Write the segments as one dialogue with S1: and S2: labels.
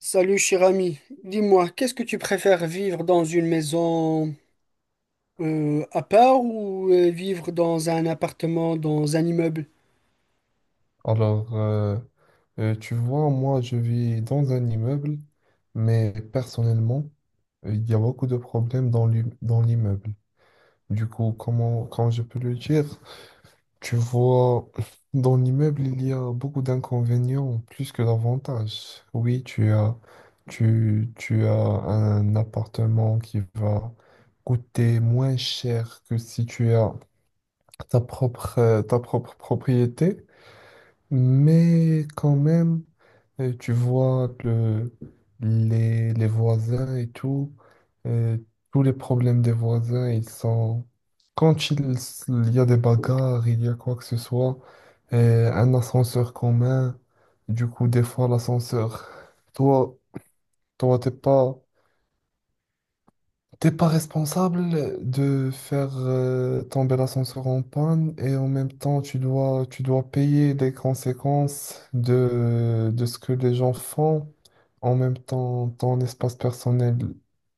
S1: Salut cher ami, dis-moi, qu'est-ce que tu préfères, vivre dans une maison à part, ou vivre dans un appartement, dans un immeuble?
S2: Alors, tu vois, moi, je vis dans un immeuble, mais personnellement, il y a beaucoup de problèmes dans l'immeuble. Du coup, comment, quand je peux le dire, tu vois, dans l'immeuble, il y a beaucoup d'inconvénients plus que d'avantages. Oui, tu as, tu as un appartement qui va coûter moins cher que si tu as ta propre propriété. Mais quand même, tu vois les voisins et tout, euh, tous les problèmes des voisins, ils sont... Il y a des bagarres, il y a quoi que ce soit, un ascenseur commun, du coup, des fois, l'ascenseur, toi, toi, t'es pas... T'es pas responsable de faire tomber l'ascenseur en panne et en même temps tu dois payer les conséquences de ce que les gens font. En même temps, ton espace personnel,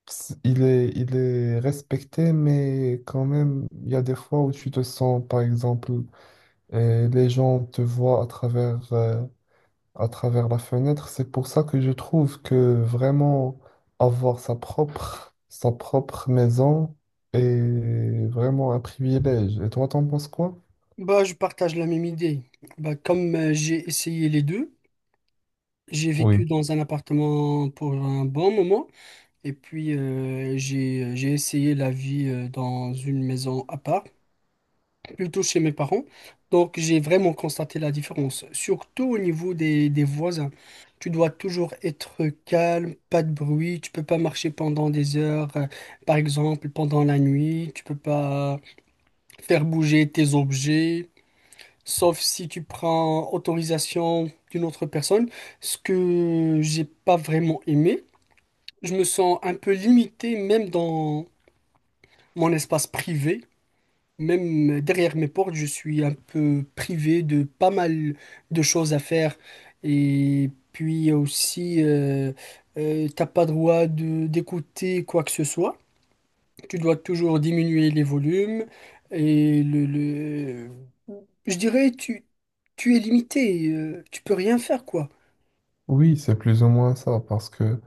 S2: il est respecté, mais quand même, il y a des fois où tu te sens, par exemple, les gens te voient à travers la fenêtre. C'est pour ça que je trouve que vraiment avoir sa propre maison est vraiment un privilège. Et toi, t'en penses quoi?
S1: Bah, je partage la même idée. Bah, comme j'ai essayé les deux, j'ai
S2: Oui.
S1: vécu dans un appartement pour un bon moment et puis j'ai essayé la vie dans une maison à part, plutôt chez mes parents. Donc, j'ai vraiment constaté la différence, surtout au niveau des voisins. Tu dois toujours être calme, pas de bruit, tu peux pas marcher pendant des heures, par exemple pendant la nuit, tu peux pas faire bouger tes objets, sauf si tu prends autorisation d'une autre personne, ce que j'ai pas vraiment aimé. Je me sens un peu limité même dans mon espace privé. Même derrière mes portes, je suis un peu privé de pas mal de choses à faire. Et puis aussi, t'as pas droit de d'écouter quoi que ce soit. Tu dois toujours diminuer les volumes. Et je dirais, tu es limité. Tu peux rien faire, quoi.
S2: Oui, c'est plus ou moins ça, parce que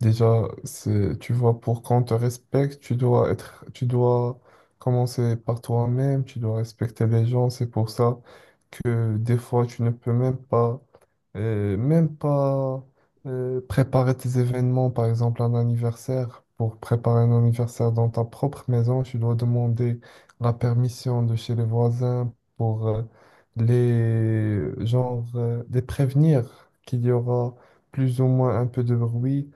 S2: déjà, tu vois, pour qu'on te respecte, tu dois commencer par toi-même, tu dois respecter les gens. C'est pour ça que des fois, tu ne peux même pas préparer tes événements, par exemple un anniversaire. Pour préparer un anniversaire dans ta propre maison, tu dois demander la permission de chez les voisins pour les les prévenir qu'il y aura plus ou moins un peu de bruit.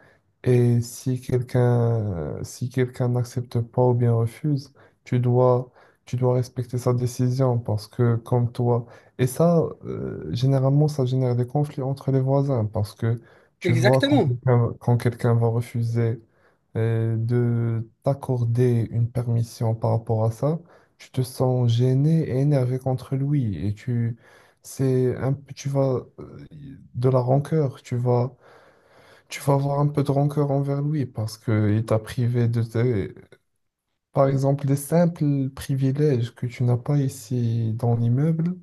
S2: Et si quelqu'un n'accepte pas ou bien refuse, tu dois tu dois respecter sa décision parce que comme toi et ça, généralement, ça génère des conflits entre les voisins parce que tu vois
S1: Exactement.
S2: quand quelqu'un va refuser de t'accorder une permission par rapport à ça, tu te sens gêné et énervé contre lui et tu tu vas de la rancœur, tu vas avoir un peu de rancœur envers lui parce que il t'a privé de tes, par exemple des simples privilèges que tu n'as pas ici dans l'immeuble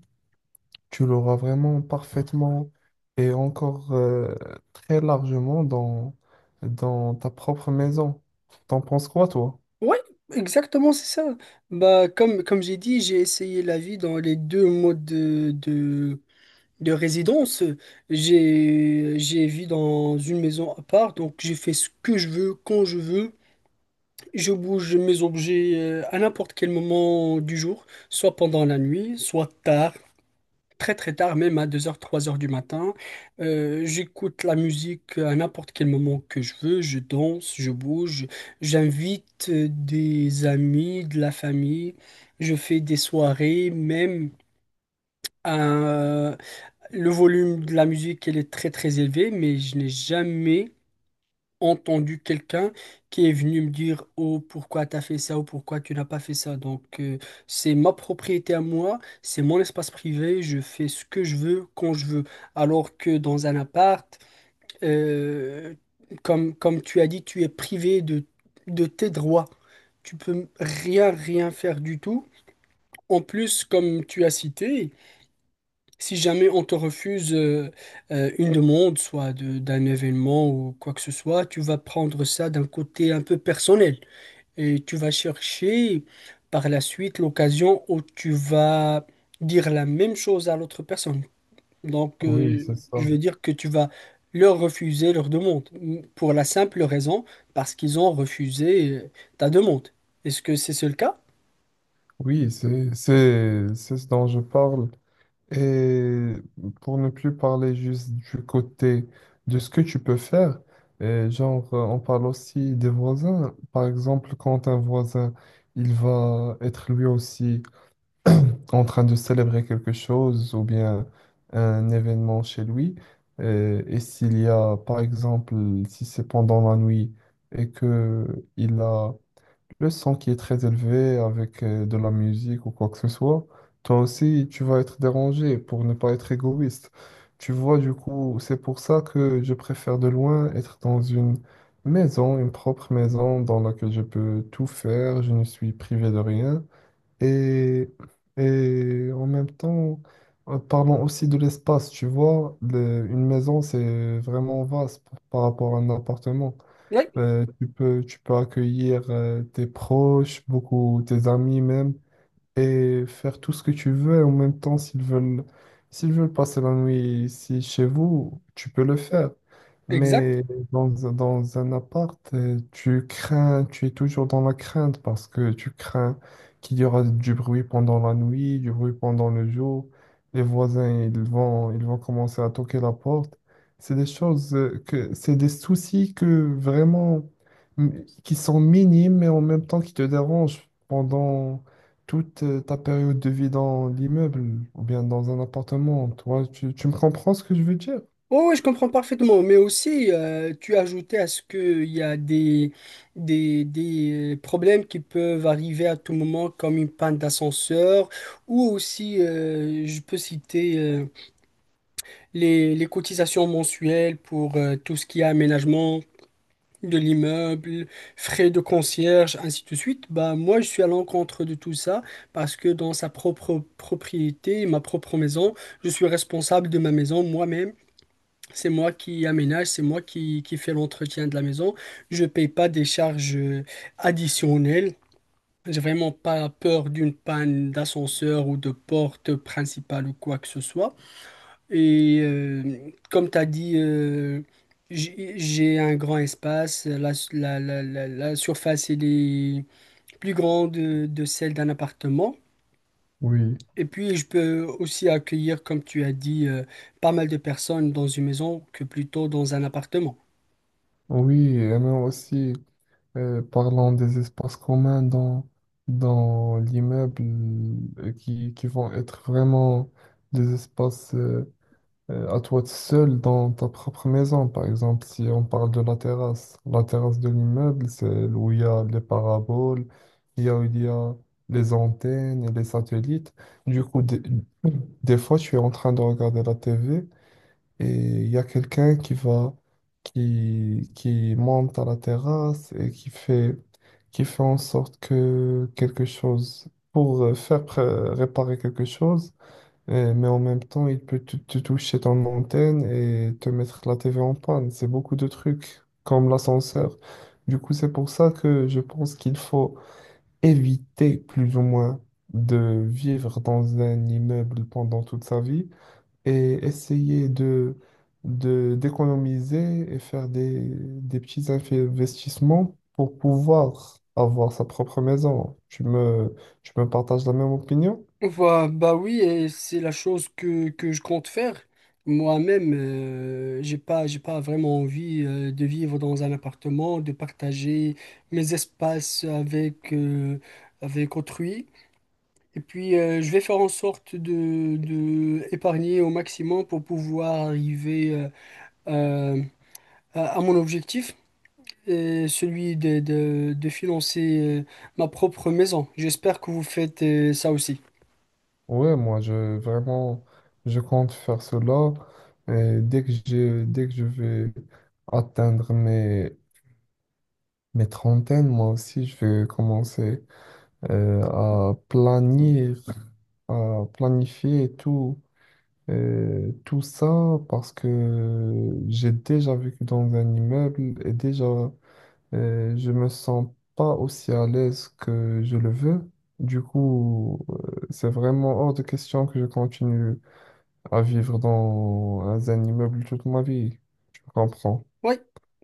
S2: tu l'auras vraiment parfaitement et encore très largement dans ta propre maison. T'en penses quoi, toi?
S1: Ouais, exactement, c'est ça. Bah, comme, comme j'ai dit, j'ai essayé la vie dans les deux modes de résidence, j'ai vécu dans une maison à part, donc j'ai fait ce que je veux, quand je veux. Je bouge mes objets à n'importe quel moment du jour, soit pendant la nuit, soit tard, très très tard, même à 2 heures, 3 heures du matin. J'écoute la musique à n'importe quel moment que je veux, je danse, je bouge, j'invite des amis, de la famille, je fais des soirées, même à, le volume de la musique, elle est très très élevé, mais je n'ai jamais entendu quelqu'un qui est venu me dire «Oh, pourquoi t'as fait ça?» ou «Pourquoi tu n'as pas fait ça?» Donc, c'est ma propriété à moi, c'est mon espace privé, je fais ce que je veux, quand je veux. Alors que dans un appart, euh, comme, comme tu as dit, tu es privé de tes droits. Tu peux rien, rien faire du tout. En plus, comme tu as cité, si jamais on te refuse une demande, d'un événement ou quoi que ce soit, tu vas prendre ça d'un côté un peu personnel et tu vas chercher par la suite l'occasion où tu vas dire la même chose à l'autre personne. Donc,
S2: Oui, c'est ça.
S1: je veux dire que tu vas leur refuser leur demande pour la simple raison parce qu'ils ont refusé ta demande. Est-ce que c'est ce le cas?
S2: Oui, c'est ce dont je parle. Et pour ne plus parler juste du côté de ce que tu peux faire, et on parle aussi des voisins. Par exemple, quand un voisin, il va être lui aussi en train de célébrer quelque chose ou bien un événement chez lui. Et, s'il y a, par exemple, si c'est pendant la nuit et que il a le son qui est très élevé avec de la musique ou quoi que ce soit, toi aussi, tu vas être dérangé pour ne pas être égoïste. Tu vois, du coup, c'est pour ça que je préfère de loin être dans une maison, une propre maison dans laquelle je peux tout faire, je ne suis privé de rien. Et, et en même temps, parlons aussi de l'espace, tu vois, une maison, c'est vraiment vaste par rapport à un appartement.
S1: Oui,
S2: Tu peux accueillir tes proches, beaucoup, tes amis même et faire tout ce que tu veux et en même temps s'ils veulent passer la nuit ici chez vous, tu peux le faire.
S1: exact.
S2: Mais dans un appart, tu crains, tu es toujours dans la crainte parce que tu crains qu'il y aura du bruit pendant la nuit, du bruit pendant le jour. Les voisins, ils vont commencer à toquer la porte. C'est des choses c'est des soucis que vraiment, mm, qui sont minimes, mais en même temps qui te dérangent pendant, toute ta période de vie dans l'immeuble ou bien dans un appartement. Toi, tu me comprends ce que je veux dire?
S1: Oui, je comprends parfaitement, mais aussi tu as ajouté à ce qu'il y a des, des problèmes qui peuvent arriver à tout moment, comme une panne d'ascenseur, ou aussi je peux citer les cotisations mensuelles pour tout ce qui est aménagement de l'immeuble, frais de concierge, ainsi de suite. Bah, moi, je suis à l'encontre de tout ça parce que dans sa propre propriété, ma propre maison, je suis responsable de ma maison moi-même. C'est moi qui aménage, c'est moi qui fais l'entretien de la maison. Je paye pas des charges additionnelles. J'ai vraiment pas peur d'une panne d'ascenseur ou de porte principale ou quoi que ce soit. Et comme tu as dit, j'ai un grand espace. La surface, elle est plus grande de celle d'un appartement.
S2: Oui,
S1: Et puis, je peux aussi accueillir, comme tu as dit, pas mal de personnes dans une maison que plutôt dans un appartement.
S2: oui, et même aussi, parlant des espaces communs dans l'immeuble qui vont être vraiment des espaces à toi tout seul dans ta propre maison. Par exemple, si on parle de la terrasse de l'immeuble, c'est où il y a les paraboles, il y a où il y a les antennes et les satellites. Du coup, des fois, je suis en train de regarder la TV et il y a quelqu'un qui va, qui monte à la terrasse et qui fait en sorte que quelque chose, pour faire réparer quelque chose, mais en même temps, il peut te toucher ton antenne et te mettre la TV en panne. C'est beaucoup de trucs, comme l'ascenseur. Du coup, c'est pour ça que je pense qu'il faut éviter plus ou moins de vivre dans un immeuble pendant toute sa vie et essayer d'économiser et faire des petits investissements pour pouvoir avoir sa propre maison. Tu me partages la même opinion?
S1: Bah, bah oui, et c'est la chose que je compte faire. Moi-même, j'ai pas vraiment envie de vivre dans un appartement, de partager mes espaces avec, avec autrui. Et puis, je vais faire en sorte de épargner au maximum pour pouvoir arriver euh, à mon objectif, et celui de financer ma propre maison. J'espère que vous faites ça aussi.
S2: Ouais, moi, je vraiment, je compte faire cela. Et dès que je vais atteindre mes trentaines, moi aussi, je vais commencer euh, à planir à planifier tout, tout ça parce que j'ai déjà vécu dans un immeuble et déjà, je me sens pas aussi à l'aise que je le veux. Du coup, c'est vraiment hors de question que je continue à vivre dans un immeuble toute ma vie. Je comprends.
S1: Oui,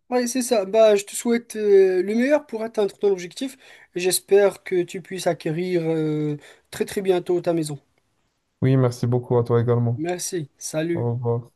S1: oui, c'est ça. Bah, je te souhaite le meilleur pour atteindre ton objectif. J'espère que tu puisses acquérir très très bientôt ta maison.
S2: Oui, merci beaucoup à toi également.
S1: Merci. Salut.
S2: Au revoir.